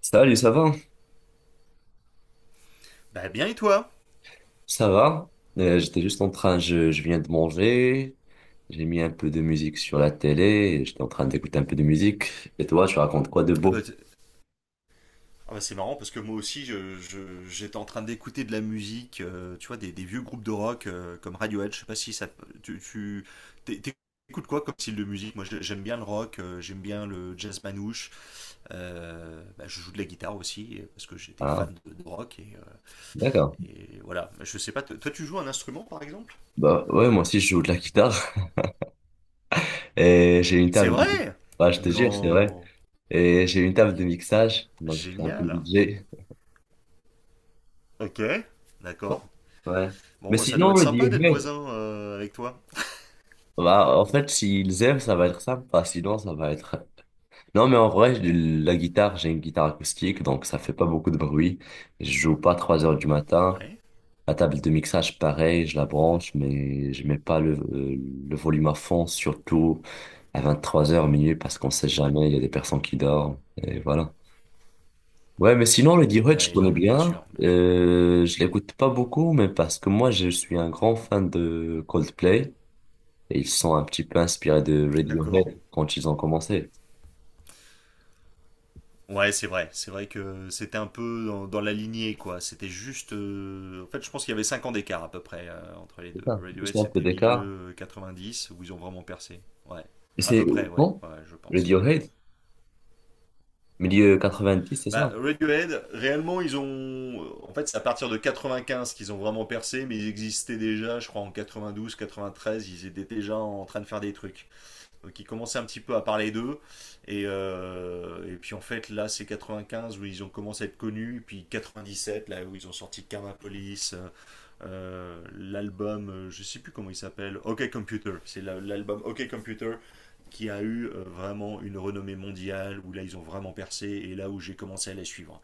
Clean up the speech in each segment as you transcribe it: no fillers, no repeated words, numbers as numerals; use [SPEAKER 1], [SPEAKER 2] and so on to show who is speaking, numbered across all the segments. [SPEAKER 1] Salut, ça va?
[SPEAKER 2] Bah bien, et toi?
[SPEAKER 1] Ça va? J'étais juste en train, je viens de manger, j'ai mis un peu de musique sur la télé, et j'étais en train d'écouter un peu de musique. Et toi, tu racontes quoi de
[SPEAKER 2] Ah bah,
[SPEAKER 1] beau?
[SPEAKER 2] t- ah bah, c'est marrant parce que moi aussi j'étais en train d'écouter de la musique, tu vois, des vieux groupes de rock comme Radiohead. Je sais pas si tu t'é- t'écoutes quoi comme style de musique? Moi, j'aime bien le rock, j'aime bien le jazz manouche, bah, je joue de la guitare aussi parce que j'étais
[SPEAKER 1] Ah,
[SPEAKER 2] fan de rock
[SPEAKER 1] d'accord.
[SPEAKER 2] et voilà. Je sais pas, toi, tu joues un instrument par exemple?
[SPEAKER 1] Bah ouais, moi aussi je joue de la guitare et j'ai une
[SPEAKER 2] C'est
[SPEAKER 1] table de...
[SPEAKER 2] vrai?
[SPEAKER 1] Bah, je te jure, c'est vrai.
[SPEAKER 2] Non.
[SPEAKER 1] Et j'ai une table de mixage, donc je fais un peu de
[SPEAKER 2] Génial.
[SPEAKER 1] DJ.
[SPEAKER 2] Ok, d'accord.
[SPEAKER 1] Ouais. Mais
[SPEAKER 2] Bon, bah ça doit
[SPEAKER 1] sinon,
[SPEAKER 2] être
[SPEAKER 1] le
[SPEAKER 2] sympa d'être
[SPEAKER 1] Radiohead,
[SPEAKER 2] voisin avec toi.
[SPEAKER 1] bah en fait, s'ils aiment, ça va être sympa, sinon ça va être. Non, mais en vrai, la guitare, j'ai une guitare acoustique, donc ça fait pas beaucoup de bruit. Je joue pas à 3 heures du matin.
[SPEAKER 2] Ouais.
[SPEAKER 1] La table de mixage, pareil, je la branche, mais je mets pas le volume à fond, surtout à 23 heures minuit, parce qu'on sait
[SPEAKER 2] Mhm.
[SPEAKER 1] jamais, il y a des personnes qui dorment, et voilà. Ouais, mais sinon, le D-Hut, je
[SPEAKER 2] Oui,
[SPEAKER 1] connais
[SPEAKER 2] non, mais bien
[SPEAKER 1] bien.
[SPEAKER 2] sûr, bien sûr.
[SPEAKER 1] Je l'écoute pas beaucoup, mais parce que moi, je suis un grand fan de Coldplay, et ils sont un petit peu inspirés de
[SPEAKER 2] D'accord.
[SPEAKER 1] Radiohead quand ils ont commencé.
[SPEAKER 2] Ouais, c'est vrai. C'est vrai que c'était un peu dans la lignée, quoi. C'était juste. En fait, je pense qu'il y avait 5 ans d'écart à peu près entre les
[SPEAKER 1] C'est
[SPEAKER 2] deux.
[SPEAKER 1] ça, juste
[SPEAKER 2] Radiohead,
[SPEAKER 1] un peu
[SPEAKER 2] c'était
[SPEAKER 1] d'écart.
[SPEAKER 2] milieu dix où ils ont vraiment percé. Ouais.
[SPEAKER 1] Et
[SPEAKER 2] À peu
[SPEAKER 1] c'est
[SPEAKER 2] près, ouais.
[SPEAKER 1] bon,
[SPEAKER 2] Ouais, je pense.
[SPEAKER 1] Radiohead, milieu 90 c'est ça?
[SPEAKER 2] Bah, Radiohead, réellement, ils ont. En fait, c'est à partir de 95 qu'ils ont vraiment percé, mais ils existaient déjà, je crois, en 92, 93. Ils étaient déjà en train de faire des trucs, qui commençaient un petit peu à parler d'eux. Et puis en fait, là, c'est 95 où ils ont commencé à être connus, puis 97, là où ils ont sorti Karma Police, l'album, je sais plus comment il s'appelle, OK Computer. C'est l'album OK Computer qui a eu vraiment une renommée mondiale, où là, ils ont vraiment percé, et là où j'ai commencé à les suivre.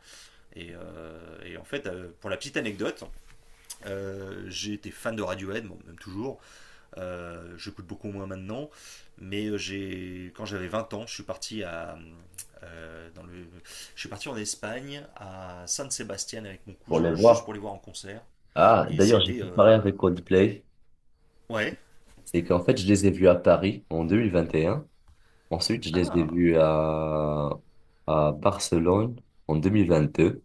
[SPEAKER 2] Et en fait, pour la petite anecdote, j'ai été fan de Radiohead, bon, même toujours. Je coûte beaucoup moins maintenant, mais j'ai quand j'avais 20 ans, je suis parti à euh, dans le, je suis parti en Espagne à San Sebastian avec mon
[SPEAKER 1] Pour les
[SPEAKER 2] cousin juste
[SPEAKER 1] voir.
[SPEAKER 2] pour les voir en concert,
[SPEAKER 1] Ah,
[SPEAKER 2] et
[SPEAKER 1] d'ailleurs, j'ai
[SPEAKER 2] c'était
[SPEAKER 1] fait pareil avec Coldplay.
[SPEAKER 2] ouais.
[SPEAKER 1] C'est qu'en fait, je les ai vus à Paris en deux mille vingt et un. Ensuite, je les ai
[SPEAKER 2] Ah
[SPEAKER 1] vus à Barcelone en deux mille vingt deux.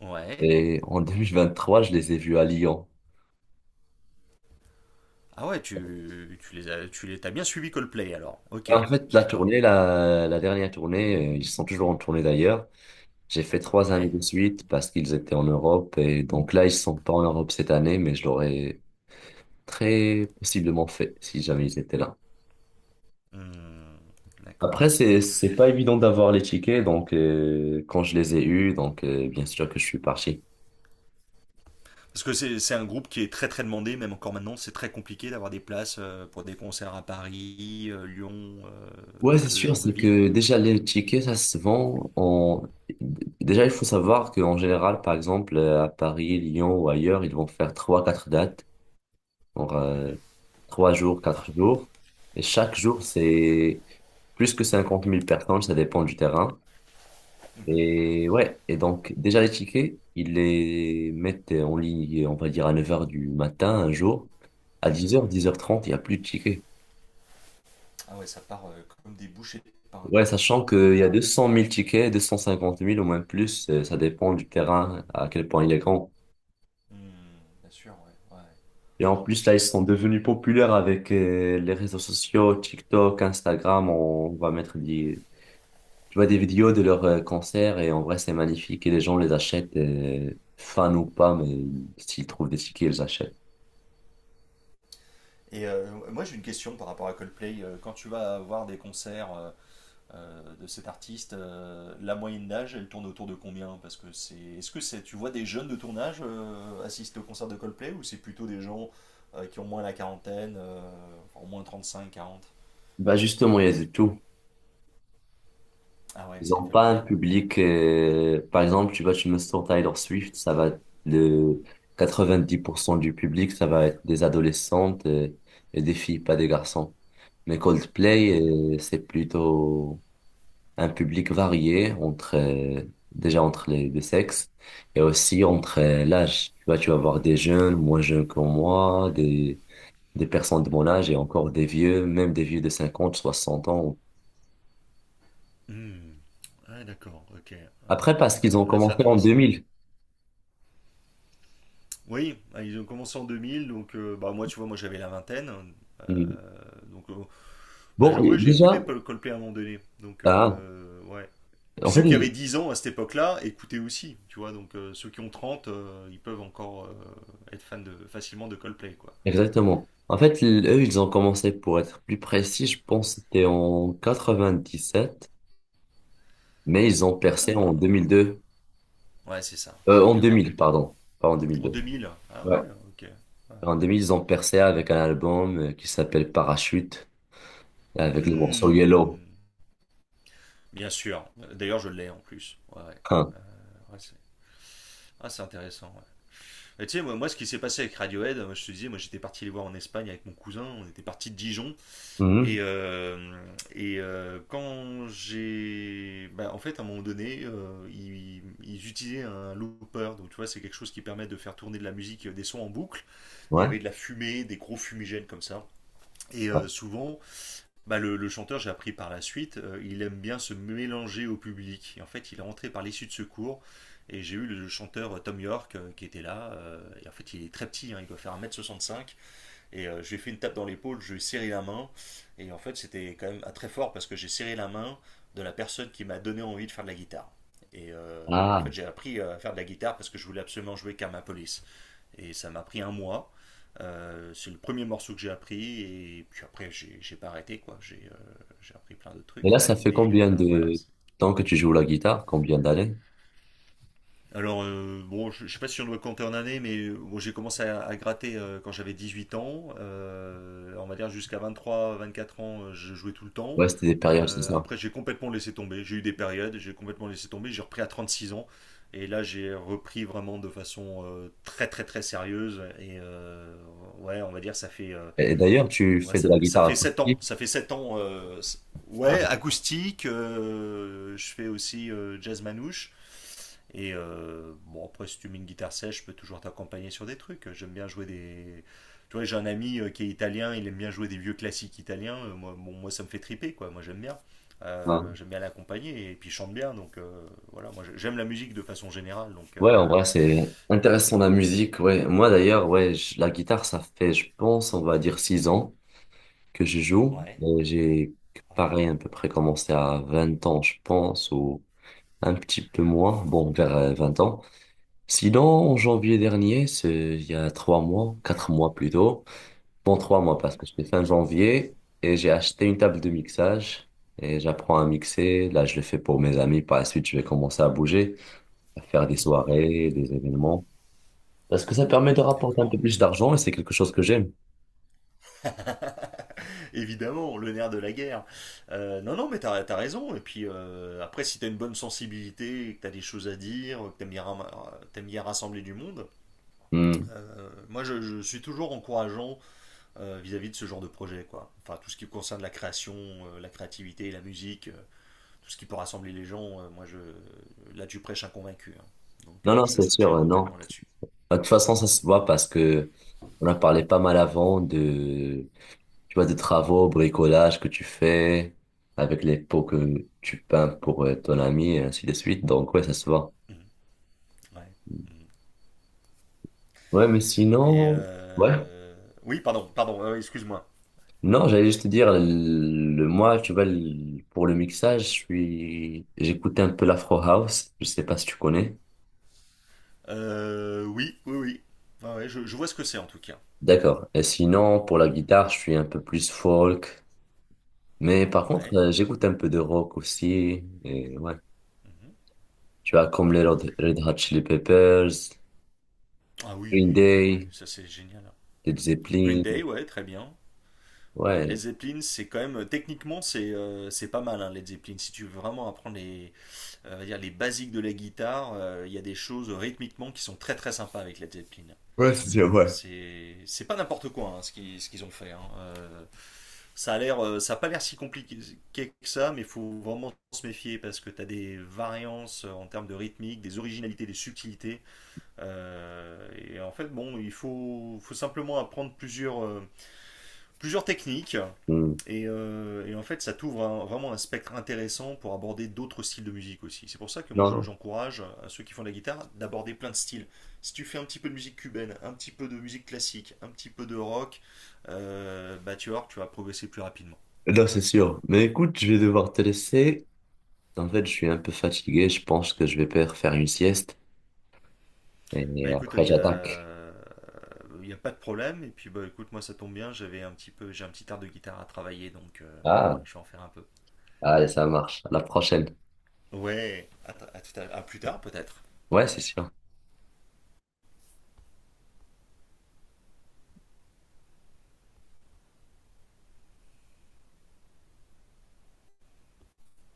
[SPEAKER 2] ouais,
[SPEAKER 1] Et en 2023 je les ai vus à Lyon.
[SPEAKER 2] ouais tu tu les as tu les t'as bien suivi Coldplay, alors, ok,
[SPEAKER 1] En fait, la
[SPEAKER 2] d'accord,
[SPEAKER 1] tournée, la dernière tournée, ils sont toujours en tournée d'ailleurs. J'ai fait trois années
[SPEAKER 2] ouais.
[SPEAKER 1] de suite parce qu'ils étaient en Europe. Et donc là, ils sont pas en Europe cette année, mais je leur ai très possiblement fait, si jamais ils étaient là.
[SPEAKER 2] Hmm, d'accord,
[SPEAKER 1] Après, c'est pas évident d'avoir les tickets, donc quand je les ai eus, donc bien sûr que je suis parti.
[SPEAKER 2] parce que c'est un groupe qui est très très demandé. Même encore maintenant, c'est très compliqué d'avoir des places pour des concerts à Paris, Lyon,
[SPEAKER 1] Ouais, c'est
[SPEAKER 2] ce
[SPEAKER 1] sûr,
[SPEAKER 2] genre de
[SPEAKER 1] c'est
[SPEAKER 2] ville.
[SPEAKER 1] que déjà les tickets, ça se vend en... Déjà, il faut savoir qu'en général, par exemple, à Paris, Lyon ou ailleurs, ils vont faire trois, quatre dates, pour
[SPEAKER 2] Mhm,
[SPEAKER 1] trois jours, quatre jours. Et chaque jour, c'est plus que cinquante mille personnes, ça dépend du terrain.
[SPEAKER 2] mhm,
[SPEAKER 1] Et ouais, et donc déjà les tickets, ils les mettent en ligne, on va dire à neuf heures du matin un jour. À
[SPEAKER 2] mhm.
[SPEAKER 1] dix heures trente, il n'y a plus de tickets.
[SPEAKER 2] Ah ouais, ça part comme des bouchées de pain,
[SPEAKER 1] Ouais,
[SPEAKER 2] quoi.
[SPEAKER 1] sachant qu'il
[SPEAKER 2] Ouais,
[SPEAKER 1] y a deux
[SPEAKER 2] ouais.
[SPEAKER 1] cent mille tickets, deux cent cinquante mille au moins plus, ça dépend du terrain, à quel point il est grand.
[SPEAKER 2] Hmm, bien sûr, ouais, ouais.
[SPEAKER 1] Et en plus, là, ils sont devenus populaires avec les réseaux sociaux, TikTok, Instagram, on va mettre des, tu vois, des vidéos de leurs concerts et en vrai, c'est magnifique et les gens les achètent, fans ou pas, mais s'ils trouvent des tickets, ils achètent.
[SPEAKER 2] Et moi j'ai une question par rapport à Coldplay. Quand tu vas voir des concerts de cet artiste, la moyenne d'âge, elle tourne autour de combien? Est-ce que c'est, tu vois des jeunes de ton âge assister au concert de Coldplay, ou c'est plutôt des gens qui ont moins la quarantaine, enfin, au moins 35, 40?
[SPEAKER 1] Bah justement, il y a du tout.
[SPEAKER 2] Ah ouais,
[SPEAKER 1] Ils
[SPEAKER 2] c'est
[SPEAKER 1] ont pas un
[SPEAKER 2] familial.
[SPEAKER 1] public. Par exemple, tu vois tu me sors Taylor Swift, ça va le 90% du public, ça va être des adolescentes et, des filles, pas des garçons. Mais Coldplay,
[SPEAKER 2] Hmm.
[SPEAKER 1] c'est plutôt un public varié entre déjà entre les deux sexes et aussi entre l'âge. Tu vois, tu vas voir des jeunes, moins jeunes que moi, des personnes de mon âge et encore des vieux, même des vieux de 50, 60 ans.
[SPEAKER 2] Hmm. Ouais, d'accord, ok. Ouais.
[SPEAKER 1] Après, parce qu'ils ont
[SPEAKER 2] Ouais, c'est
[SPEAKER 1] commencé en
[SPEAKER 2] intéressant.
[SPEAKER 1] 2000.
[SPEAKER 2] Oui, bah, ils ont commencé en 2000, donc bah, moi, tu vois, moi j'avais la vingtaine, hein. euh,
[SPEAKER 1] Mm.
[SPEAKER 2] donc, euh, bah,
[SPEAKER 1] Bon, et
[SPEAKER 2] ouais, j'ai écouté
[SPEAKER 1] déjà,
[SPEAKER 2] Paul Coldplay à un moment donné. Donc,
[SPEAKER 1] ah,
[SPEAKER 2] ouais. Et
[SPEAKER 1] en
[SPEAKER 2] puis
[SPEAKER 1] fait,
[SPEAKER 2] ceux qui avaient 10 ans à cette époque-là écoutaient aussi, tu vois. Donc, ceux qui ont 30 , ils peuvent encore être fans facilement de Coldplay, quoi.
[SPEAKER 1] exactement. En fait, eux, ils ont commencé, pour être plus précis, je pense que c'était en 97, mais ils ont percé en
[SPEAKER 2] Ah,
[SPEAKER 1] 2002.
[SPEAKER 2] ouais, c'est ça.
[SPEAKER 1] En
[SPEAKER 2] C'était un peu
[SPEAKER 1] 2000,
[SPEAKER 2] plus tard.
[SPEAKER 1] pardon. Pas en
[SPEAKER 2] En
[SPEAKER 1] 2002.
[SPEAKER 2] 2000. Ah ouais,
[SPEAKER 1] Ouais.
[SPEAKER 2] ok. Ouais.
[SPEAKER 1] En 2000, ils ont percé avec un album qui s'appelle Parachute, et avec le morceau Yellow.
[SPEAKER 2] Hmm, bien sûr. D'ailleurs, je l'ai en plus. Ouais, ouais,
[SPEAKER 1] Hein.
[SPEAKER 2] ouais, c'est. Ah, c'est intéressant, ouais. Et tu sais, moi, moi, ce qui s'est passé avec Radiohead, moi, je te disais, moi, j'étais parti les voir en Espagne avec mon cousin, on était parti de Dijon. Et,
[SPEAKER 1] Mhm.
[SPEAKER 2] euh, et quand j'ai. Bah, en fait, à un moment donné, ils utilisaient un looper. Donc, tu vois, c'est quelque chose qui permet de faire tourner de la musique, des sons en boucle. Il y
[SPEAKER 1] Ouais.
[SPEAKER 2] avait de la fumée, des gros fumigènes comme ça. Et
[SPEAKER 1] Ouais.
[SPEAKER 2] souvent, bah, le chanteur, j'ai appris par la suite, il aime bien se mélanger au public. Et en fait, il est rentré par l'issue de secours. Et j'ai eu le chanteur Tom York, qui était là. Et en fait, il est très petit, hein, il doit faire 1,65 m. Et je lui ai fait une tape dans l'épaule, je lui ai serré la main. Et en fait, c'était quand même très fort parce que j'ai serré la main de la personne qui m'a donné envie de faire de la guitare. Et en
[SPEAKER 1] Ah.
[SPEAKER 2] fait, j'ai appris à faire de la guitare parce que je voulais absolument jouer Karma Police. Et ça m'a pris un mois. C'est le premier morceau que j'ai appris, et puis après j'ai pas arrêté, quoi. J'ai appris plein de
[SPEAKER 1] Et là,
[SPEAKER 2] trucs.
[SPEAKER 1] ça fait
[SPEAKER 2] Mais
[SPEAKER 1] combien
[SPEAKER 2] voilà.
[SPEAKER 1] de temps que tu joues la guitare? Combien d'années?
[SPEAKER 2] Alors bon, je sais pas si on doit compter en années, mais bon, j'ai commencé à gratter quand j'avais 18 ans. On va dire jusqu'à 23-24 ans, je jouais tout le temps.
[SPEAKER 1] Ouais, c'était des périodes, c'est ça.
[SPEAKER 2] Après j'ai complètement laissé tomber. J'ai eu des périodes, j'ai complètement laissé tomber. J'ai repris à 36 ans. Et là, j'ai repris vraiment de façon très très très sérieuse. Et ouais, on va dire, ça fait
[SPEAKER 1] Et d'ailleurs, tu
[SPEAKER 2] ouais,
[SPEAKER 1] fais de la
[SPEAKER 2] ça
[SPEAKER 1] guitare
[SPEAKER 2] fait 7 ans.
[SPEAKER 1] acoustique.
[SPEAKER 2] Ça fait 7 ans. Ouais,
[SPEAKER 1] Hein,
[SPEAKER 2] acoustique. Je fais aussi jazz manouche. Et bon, après, si tu mets une guitare sèche, je peux toujours t'accompagner sur des trucs. J'aime bien jouer des. Tu vois, j'ai un ami qui est italien, il aime bien jouer des vieux classiques italiens. Moi, bon, moi, ça me fait triper, quoi. Moi, j'aime bien.
[SPEAKER 1] hein.
[SPEAKER 2] J'aime bien l'accompagner, et puis il chante bien. Donc voilà, moi, j'aime la musique de façon générale. Donc,
[SPEAKER 1] Ouais, en vrai, c'est
[SPEAKER 2] donc voilà.
[SPEAKER 1] intéressant la musique. Ouais, moi d'ailleurs, ouais, la guitare, ça fait, je pense, on va dire six ans que je joue.
[SPEAKER 2] Ouais,
[SPEAKER 1] Et j'ai,
[SPEAKER 2] ouais.
[SPEAKER 1] pareil, à peu près commencé à 20 ans, je pense, ou un petit peu moins. Bon, vers 20 ans. Sinon, en janvier dernier, c'est il y a trois mois, quatre mois plutôt. Bon, trois mois parce
[SPEAKER 2] Mhm,
[SPEAKER 1] que je fais fin janvier et j'ai acheté une table de mixage et j'apprends à mixer. Là, je le fais pour mes amis. Par la suite, je vais commencer à bouger, à faire des
[SPEAKER 2] mhm.
[SPEAKER 1] soirées, des événements. Parce que ça permet de rapporter un
[SPEAKER 2] D'accord.
[SPEAKER 1] peu plus d'argent et c'est quelque chose que j'aime.
[SPEAKER 2] Évidemment, le nerf de la guerre. Non, non, mais t'as as raison. Et puis après, si t'as une bonne sensibilité, que t'as des choses à dire, que t'aimes bien rassembler du monde,
[SPEAKER 1] Hmm.
[SPEAKER 2] moi je suis toujours encourageant vis-à-vis de ce genre de projet, quoi. Enfin, tout ce qui concerne la création, la créativité, la musique, tout ce qui peut rassembler les gens, moi je. Là, tu prêches un convaincu, hein. Donc
[SPEAKER 1] Non, non,
[SPEAKER 2] je te
[SPEAKER 1] c'est sûr,
[SPEAKER 2] soutiens
[SPEAKER 1] non.
[SPEAKER 2] complètement là-dessus.
[SPEAKER 1] Bah, de toute façon, ça se voit parce que on a parlé pas mal avant de, tu vois, de travaux, bricolage que tu fais avec les pots que tu peins pour ton ami et ainsi de suite. Donc, ouais, ça se voit.
[SPEAKER 2] Mhm. Ouais. Mhm.
[SPEAKER 1] Ouais, mais
[SPEAKER 2] Et
[SPEAKER 1] sinon, ouais.
[SPEAKER 2] oui, pardon, pardon, excuse-moi.
[SPEAKER 1] Non, j'allais juste te dire, le, moi, tu vois, pour le mixage, je suis, j'écoute un peu l'Afro House. Je sais pas si tu connais.
[SPEAKER 2] Oui, oui, oui. Ouais, ouais, je vois ce que c'est en tout cas.
[SPEAKER 1] D'accord. Et sinon, pour la
[SPEAKER 2] Mhm.
[SPEAKER 1] guitare, je suis un peu plus folk. Mais par contre,
[SPEAKER 2] Ouais.
[SPEAKER 1] j'écoute un peu de rock aussi. Et ouais.
[SPEAKER 2] Mhm.
[SPEAKER 1] Tu vois, comme les Red Hot Chili Peppers,
[SPEAKER 2] Ah
[SPEAKER 1] Green
[SPEAKER 2] oui, ouais, ouais,
[SPEAKER 1] Day,
[SPEAKER 2] ça c'est génial.
[SPEAKER 1] Led
[SPEAKER 2] Green Day,
[SPEAKER 1] Zeppelin.
[SPEAKER 2] ouais, très bien. Ah, Led
[SPEAKER 1] Ouais.
[SPEAKER 2] Zeppelin, c'est quand même techniquement c'est pas mal, hein, Led Zeppelin. Si tu veux vraiment apprendre les on va dire les basiques de la guitare, il y a des choses rythmiquement qui sont très très sympas avec Led Zeppelin.
[SPEAKER 1] Ouais, c'est sûr, ouais.
[SPEAKER 2] C'est pas n'importe quoi, hein, ce qu'ils ont fait, hein. Ça a pas l'air si compliqué que ça, mais il faut vraiment se méfier parce que tu as des variances en termes de rythmique, des originalités, des subtilités. Et en fait, bon, faut simplement apprendre plusieurs techniques
[SPEAKER 1] Hmm.
[SPEAKER 2] et en fait, ça t'ouvre vraiment un spectre intéressant pour aborder d'autres styles de musique aussi. C'est pour ça que moi,
[SPEAKER 1] Non, non.
[SPEAKER 2] j'encourage à ceux qui font de la guitare d'aborder plein de styles. Si tu fais un petit peu de musique cubaine, un petit peu de musique classique, un petit peu de rock, bah tu vas voir que tu vas progresser plus rapidement.
[SPEAKER 1] Non, c'est sûr. Mais écoute, je vais devoir te laisser. En fait, je suis un peu fatigué. Je pense que je vais faire faire une sieste. Et
[SPEAKER 2] Bah écoute,
[SPEAKER 1] après, j'attaque.
[SPEAKER 2] il y a pas de problème. Et puis bah écoute, moi ça tombe bien, j'ai un petit art de guitare à travailler, donc voilà,
[SPEAKER 1] Ah,
[SPEAKER 2] je vais en faire un peu.
[SPEAKER 1] allez, ça marche. À la prochaine.
[SPEAKER 2] Ouais, à, t- à tout à plus tard peut-être.
[SPEAKER 1] Ouais, c'est sûr.